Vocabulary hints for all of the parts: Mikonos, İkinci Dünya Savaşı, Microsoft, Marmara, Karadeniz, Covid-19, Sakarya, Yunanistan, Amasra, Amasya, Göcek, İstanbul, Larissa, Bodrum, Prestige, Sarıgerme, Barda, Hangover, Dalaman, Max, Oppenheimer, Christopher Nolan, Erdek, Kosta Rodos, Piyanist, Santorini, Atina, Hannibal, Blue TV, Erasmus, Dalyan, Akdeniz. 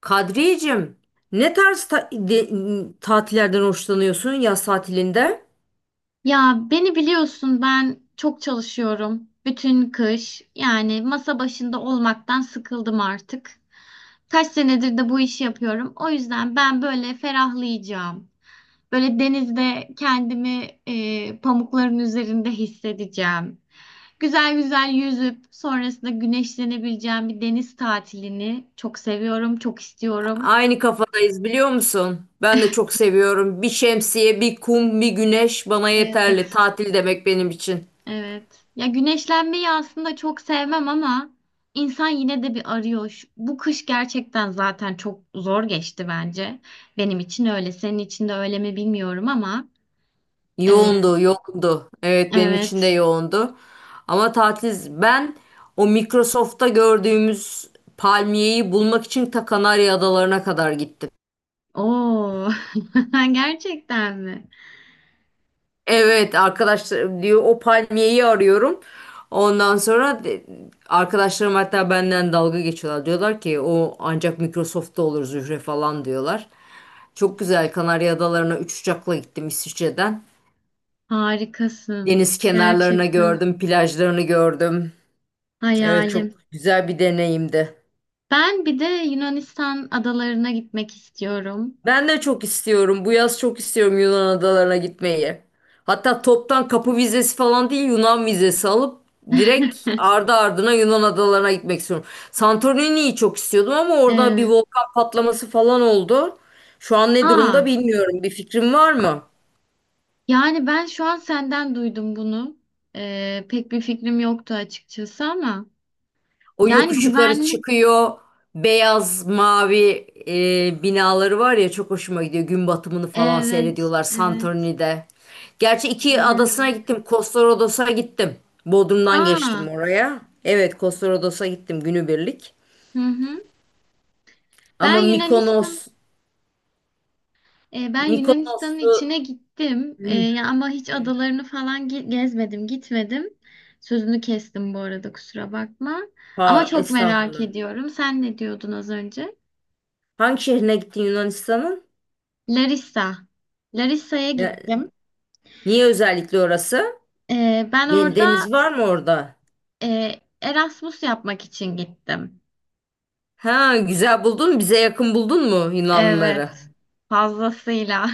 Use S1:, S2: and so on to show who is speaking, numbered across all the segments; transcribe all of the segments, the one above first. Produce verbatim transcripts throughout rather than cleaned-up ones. S1: Kadriyeciğim, ne tarz ta- de- tatillerden hoşlanıyorsun yaz tatilinde?
S2: Ya beni biliyorsun ben çok çalışıyorum. Bütün kış yani masa başında olmaktan sıkıldım artık. Kaç senedir de bu işi yapıyorum. O yüzden ben böyle ferahlayacağım. Böyle denizde kendimi e, pamukların üzerinde hissedeceğim. Güzel güzel yüzüp sonrasında güneşlenebileceğim bir deniz tatilini çok seviyorum, çok istiyorum.
S1: Aynı kafadayız biliyor musun? Ben de çok seviyorum. Bir şemsiye, bir kum, bir güneş bana yeterli.
S2: Evet.
S1: Tatil demek benim için.
S2: Evet. Ya güneşlenmeyi aslında çok sevmem ama insan yine de bir arıyor. Şu- Bu kış gerçekten zaten çok zor geçti bence. Benim için öyle. Senin için de öyle mi bilmiyorum ama. e,
S1: Yoğundu, yoğundu. Evet benim için de
S2: evet.
S1: yoğundu. Ama tatil, ben o Microsoft'ta gördüğümüz palmiyeyi bulmak için ta Kanarya Adalarına kadar gittim.
S2: Oo. Gerçekten mi?
S1: Evet arkadaşlar, diyor o palmiyeyi arıyorum. Ondan sonra de- arkadaşlarım hatta benden dalga geçiyorlar. Diyorlar ki o ancak Microsoft'ta olur Zühre falan diyorlar. Çok güzel Kanarya Adaları'na üç uçakla gittim İsviçre'den.
S2: Harikasın.
S1: Deniz kenarlarına
S2: Gerçekten.
S1: gördüm, plajlarını gördüm. Evet çok
S2: Hayalim.
S1: güzel bir deneyimdi.
S2: Ben bir de Yunanistan adalarına gitmek istiyorum.
S1: Ben de çok istiyorum. Bu yaz çok istiyorum Yunan adalarına gitmeyi. Hatta toptan kapı vizesi falan değil, Yunan vizesi alıp direkt ardı ardına Yunan adalarına gitmek istiyorum. Santorini'yi çok istiyordum ama orada bir
S2: Evet.
S1: volkan patlaması falan oldu. Şu an ne durumda
S2: Aa.
S1: bilmiyorum. Bir fikrin var mı?
S2: Yani ben şu an senden duydum bunu. Ee, pek bir fikrim yoktu açıkçası ama.
S1: O
S2: Yani
S1: yokuş yukarı
S2: güvenli.
S1: çıkıyor. Beyaz mavi e, binaları var ya, çok hoşuma gidiyor. Gün batımını falan
S2: Evet,
S1: seyrediyorlar
S2: evet.
S1: Santorini'de. Gerçi iki adasına
S2: Bayılıyorum.
S1: gittim. Kosta Rodos'a gittim. Bodrum'dan
S2: Aa,
S1: geçtim oraya. Evet, Kosta Rodos'a gittim günübirlik.
S2: hı hı. Ben
S1: Ama Mikonos,
S2: Yunanistan, e, Ben Yunanistan'ın
S1: Mikonos'u...
S2: içine gittim. E,
S1: Hı,
S2: ya ama hiç adalarını falan ge- gezmedim, gitmedim. Sözünü kestim bu arada kusura bakma. Ama
S1: par,
S2: çok merak
S1: estağfurullah.
S2: ediyorum. Sen ne diyordun az önce?
S1: Hangi şehrine gittin Yunanistan'ın?
S2: Larissa. Larissa'ya
S1: Ya-
S2: gittim.
S1: Niye özellikle orası?
S2: Ee, ben
S1: De-
S2: orada
S1: Deniz var mı orada?
S2: Ee, Erasmus yapmak için gittim.
S1: Ha, güzel buldun. Bize yakın buldun mu
S2: Evet,
S1: Yunanlıları?
S2: fazlasıyla.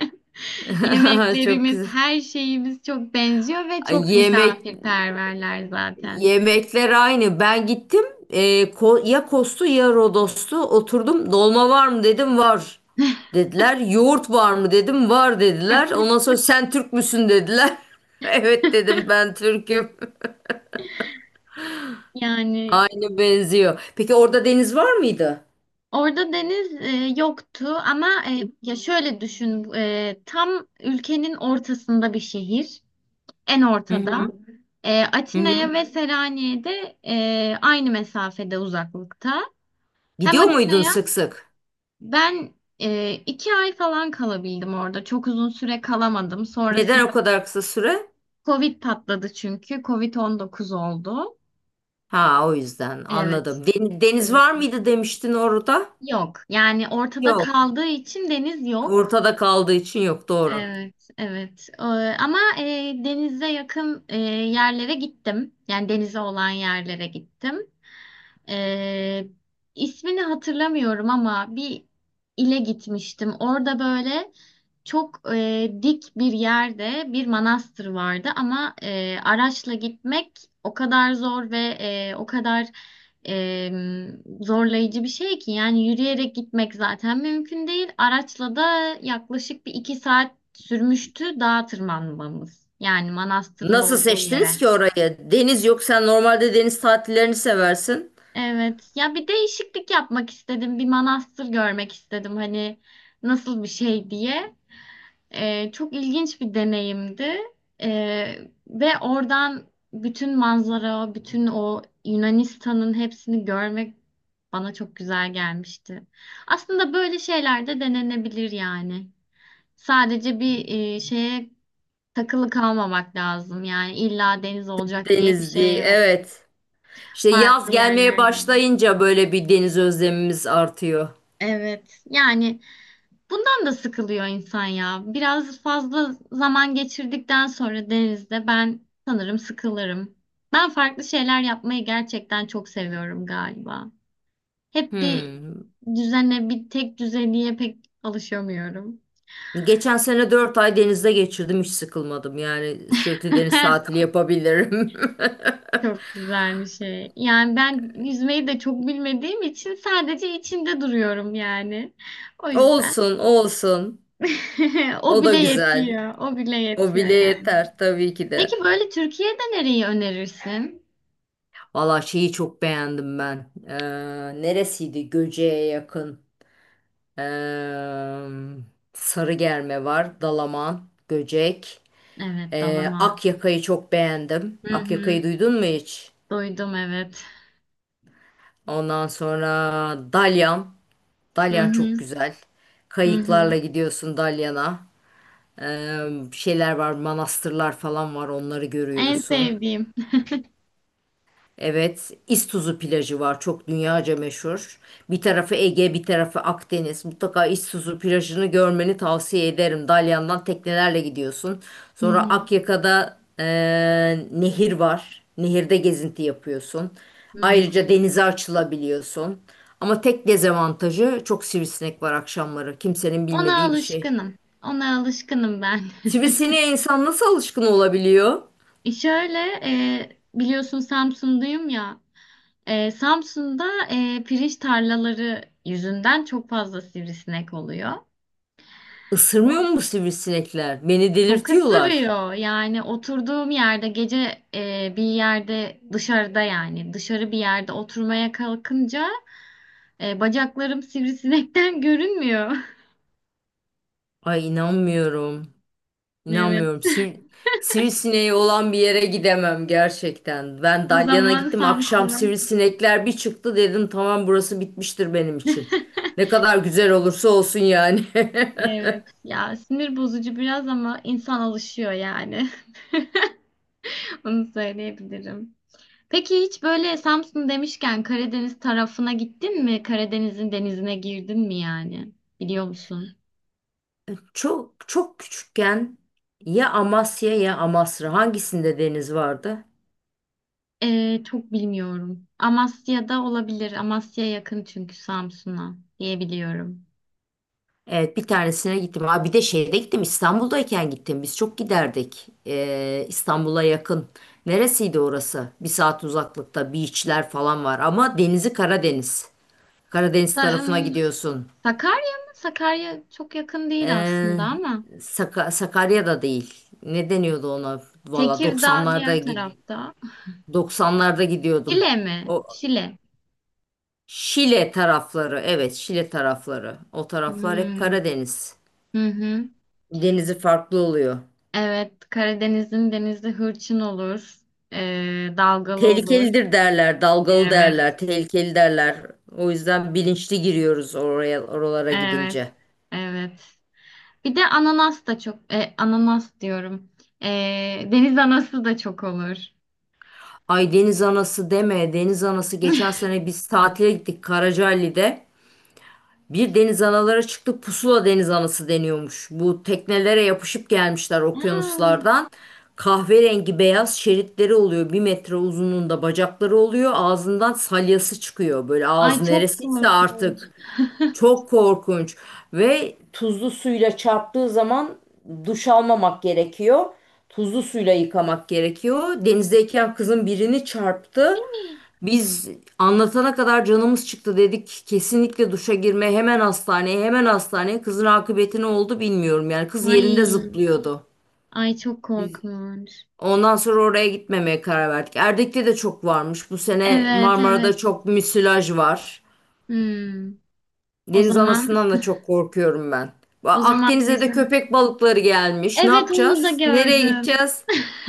S1: Çok
S2: Yemeklerimiz,
S1: güzel.
S2: her şeyimiz çok benziyor ve
S1: Ay,
S2: çok
S1: Yemek
S2: misafirperverler zaten.
S1: yemekler aynı. Ben gittim. e, Ko- ya Kostu ya Rodos'tu. Oturdum. Dolma var mı dedim, var dediler. Yoğurt var mı dedim, var dediler. Ondan sonra sen Türk müsün dediler. Evet dedim, ben Türk'üm.
S2: Yani
S1: Aynı benziyor. Peki orada deniz var mıydı?
S2: orada deniz e, yoktu ama e, ya şöyle düşün e, tam ülkenin ortasında bir şehir en
S1: Hı
S2: ortada.
S1: hı.
S2: E,
S1: Hı hı.
S2: Atina'ya ve Selanik'e de e, aynı mesafede uzaklıkta. Hem
S1: Gidiyor muydun
S2: Atina'ya
S1: sık sık?
S2: Ben e, iki ay falan kalabildim orada. Çok uzun süre kalamadım. Sonrasında
S1: Neden o kadar kısa süre?
S2: Covid patladı çünkü. kovid on dokuz oldu.
S1: Ha, o yüzden
S2: Evet.
S1: anladım. Den- Deniz
S2: Evet.
S1: var mıydı demiştin orada?
S2: Yok. Yani ortada
S1: Yok.
S2: kaldığı için deniz yok.
S1: Ortada kaldığı için yok, doğru.
S2: Evet, evet. Ee, ama e, denize yakın e, yerlere gittim. Yani denize olan yerlere gittim. Ee, ismini hatırlamıyorum ama bir ile gitmiştim. Orada böyle çok e, dik bir yerde bir manastır vardı ama e, araçla gitmek o kadar zor ve e, o kadar e, zorlayıcı bir şey ki yani yürüyerek gitmek zaten mümkün değil. Araçla da yaklaşık bir iki saat sürmüştü dağa tırmanmamız. Yani manastırın
S1: Nasıl
S2: olduğu
S1: seçtiniz
S2: yere.
S1: ki orayı? Deniz yok. Sen normalde deniz tatillerini seversin.
S2: Evet. Ya bir değişiklik yapmak istedim. Bir manastır görmek istedim. Hani nasıl bir şey diye. Ee, çok ilginç bir deneyimdi. Ee, Ve oradan bütün manzara, bütün o Yunanistan'ın hepsini görmek bana çok güzel gelmişti. Aslında böyle şeyler de denenebilir yani. Sadece bir e, şeye takılı kalmamak lazım. Yani illa deniz olacak diye bir
S1: Deniz
S2: şey
S1: diye.
S2: yok.
S1: Evet. İşte yaz
S2: Farklı
S1: gelmeye
S2: yerlerden.
S1: başlayınca böyle bir deniz özlemimiz artıyor.
S2: Evet. Yani bundan da sıkılıyor insan ya. Biraz fazla zaman geçirdikten sonra denizde ben sanırım sıkılırım. Ben farklı şeyler yapmayı gerçekten çok seviyorum galiba. Hep bir
S1: Hmm.
S2: düzene, bir tek düzeliğe pek alışamıyorum.
S1: Geçen sene dört ay denizde geçirdim. Hiç sıkılmadım. Yani sürekli deniz tatili yapabilirim.
S2: Çok güzel bir şey. Yani ben yüzmeyi de çok bilmediğim için sadece içinde duruyorum yani. O yüzden
S1: Olsun, olsun.
S2: o
S1: O da
S2: bile
S1: güzel.
S2: yetiyor. O bile
S1: O
S2: yetiyor
S1: bile
S2: yani.
S1: yeter tabii ki
S2: Peki
S1: de.
S2: böyle Türkiye'de nereyi önerirsin?
S1: Valla şeyi çok beğendim ben. Ee, neresiydi? Göce'ye yakın. Ee, Sarıgerme var. Dalaman, Göcek.
S2: Evet,
S1: Ee,
S2: dalaman.
S1: Akyaka'yı çok beğendim.
S2: Hı hı.
S1: Akyaka'yı duydun mu hiç?
S2: Duydum evet.
S1: Ondan sonra Dalyan.
S2: Hı
S1: Dalyan çok
S2: hı.
S1: güzel.
S2: Hı hı.
S1: Kayıklarla gidiyorsun Dalyan'a. Ee, şeyler var, manastırlar falan var. Onları
S2: En
S1: görüyorsun.
S2: sevdiğim.
S1: Evet, İztuzu plajı var, çok dünyaca meşhur. Bir tarafı Ege, bir tarafı Akdeniz. Mutlaka İztuzu plajını görmeni tavsiye ederim. Dalyan'dan teknelerle gidiyorsun.
S2: Hı
S1: Sonra
S2: hı.
S1: Akyaka'da eee, nehir var. Nehirde gezinti yapıyorsun.
S2: Hı hı.
S1: Ayrıca denize açılabiliyorsun. Ama tek dezavantajı, çok sivrisinek var akşamları. Kimsenin
S2: Ona
S1: bilmediği bir şey.
S2: alışkınım. Ona alışkınım ben.
S1: Sivrisineğe insan nasıl alışkın olabiliyor?
S2: E Şöyle e, biliyorsun Samsun'dayım ya. E, Samsun'da e, pirinç tarlaları yüzünden çok fazla sivrisinek oluyor.
S1: Isırmıyor
S2: O
S1: mu bu sivrisinekler? Beni
S2: Çok
S1: delirtiyorlar.
S2: ısırıyor. Yani oturduğum yerde gece e, bir yerde dışarıda yani dışarı bir yerde oturmaya kalkınca E, bacaklarım sivrisinekten görünmüyor.
S1: Ay, inanmıyorum.
S2: Evet.
S1: İnanmıyorum. Sir, sivrisineği olan bir yere gidemem gerçekten. Ben
S2: O
S1: Dalyan'a
S2: zaman
S1: gittim. Akşam
S2: Samsun'a.
S1: sivrisinekler bir çıktı, dedim tamam burası bitmiştir benim için. Ne kadar güzel olursa olsun yani.
S2: Evet. Ya sinir bozucu biraz ama insan alışıyor yani. Onu söyleyebilirim. Peki hiç böyle Samsun demişken Karadeniz tarafına gittin mi? Karadeniz'in denizine girdin mi yani? Biliyor musun?
S1: Çok çok küçükken ya Amasya ya Amasra, hangisinde deniz vardı?
S2: Ee, çok bilmiyorum. Amasya'da olabilir. Amasya yakın çünkü Samsun'a diyebiliyorum.
S1: Evet, bir tanesine gittim. Aa, bir de şeyde gittim, İstanbul'dayken gittim. Biz çok giderdik. Ee, İstanbul'a yakın. Neresiydi orası? Bir saat uzaklıkta beachler falan var ama denizi Karadeniz. Karadeniz
S2: Sa-
S1: tarafına
S2: ım,
S1: gidiyorsun.
S2: Sakarya mı? Sakarya çok yakın değil
S1: Ee,
S2: aslında ama.
S1: Saka- Sakarya'da değil. Ne deniyordu ona? Valla
S2: Tekirdağ
S1: 90'larda
S2: diğer
S1: gidi
S2: tarafta.
S1: doksanlarda gidiyordum.
S2: Şile mi?
S1: O
S2: Şile.
S1: Şile tarafları. Evet, Şile tarafları. O taraflar hep
S2: Hmm.
S1: Karadeniz.
S2: Hı hı.
S1: Denizi farklı oluyor.
S2: Evet, Karadeniz'in denizi hırçın olur. Ee, dalgalı olur.
S1: Tehlikelidir derler, dalgalı
S2: Evet,
S1: derler, tehlikeli derler. O yüzden bilinçli giriyoruz oraya, oralara
S2: evet,
S1: gidince.
S2: evet. Bir de ananas da çok, e, ananas diyorum. Ee, deniz anası da çok olur.
S1: Ay, deniz anası deme, deniz anası geçen sene biz tatile gittik Karacaali'de. Bir deniz analara çıktık, pusula deniz anası deniyormuş. Bu teknelere yapışıp gelmişler
S2: Aa,
S1: okyanuslardan. Kahverengi beyaz şeritleri oluyor. Bir metre uzunluğunda bacakları oluyor. Ağzından salyası çıkıyor. Böyle
S2: ay
S1: ağzı
S2: çok
S1: neresiyse
S2: korkunç.
S1: artık. Çok korkunç ve tuzlu suyla çarptığı zaman duş almamak gerekiyor. Tuzlu suyla yıkamak gerekiyor. Denizdeyken kızın birini çarptı. Biz anlatana kadar canımız çıktı, dedik kesinlikle duşa girme, hemen hastaneye, hemen hastaneye. Kızın akıbeti ne oldu bilmiyorum. Yani kız yerinde
S2: Ay,
S1: zıplıyordu.
S2: ay çok
S1: Biz
S2: korkunç.
S1: ondan sonra oraya gitmemeye karar verdik. Erdek'te de çok varmış. Bu sene
S2: Evet,
S1: Marmara'da
S2: evet.
S1: çok müsilaj var.
S2: Hmm. O
S1: Deniz
S2: zaman
S1: anasından da çok korkuyorum ben. Ba-
S2: O zaman
S1: Akdeniz'e de
S2: bizim.
S1: köpek balıkları gelmiş. Ne
S2: Evet onu da
S1: yapacağız? Nereye
S2: gördüm.
S1: gideceğiz?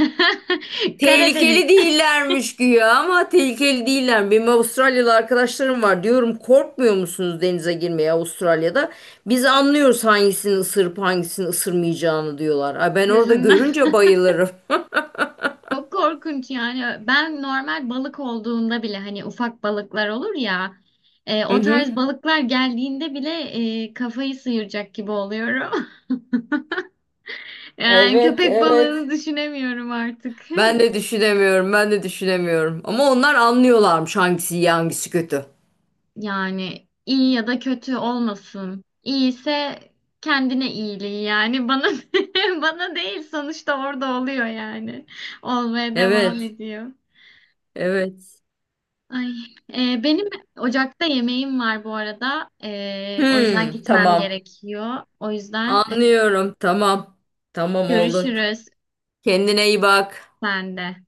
S2: Karadeniz
S1: Tehlikeli değillermiş güya, ama tehlikeli değiller. Benim Avustralyalı arkadaşlarım var. Diyorum, korkmuyor musunuz denize girmeye Avustralya'da? Biz anlıyoruz hangisini ısırıp hangisini ısırmayacağını, diyorlar. Ay, ben orada
S2: gözümden.
S1: görünce bayılırım.
S2: Çok korkunç yani. Ben normal balık olduğunda bile hani ufak balıklar olur ya. E,
S1: Hı
S2: o tarz
S1: hı.
S2: balıklar geldiğinde bile e, kafayı sıyıracak gibi oluyorum. Yani
S1: Evet,
S2: köpek
S1: evet.
S2: balığını düşünemiyorum artık.
S1: Ben de düşünemiyorum, ben de düşünemiyorum. Ama onlar anlıyorlarmış hangisi iyi, hangisi kötü.
S2: Yani iyi ya da kötü olmasın. İyiyse kendine iyiliği yani bana bana değil sonuçta orada oluyor yani. Olmaya devam
S1: Evet,
S2: ediyor.
S1: evet.
S2: Ay, e, benim ocakta yemeğim var bu arada. E, o yüzden
S1: Hmm,
S2: gitmem
S1: tamam.
S2: gerekiyor. O yüzden e,
S1: Anlıyorum. Tamam. Tamam oldu.
S2: görüşürüz
S1: Kendine iyi bak.
S2: sen de.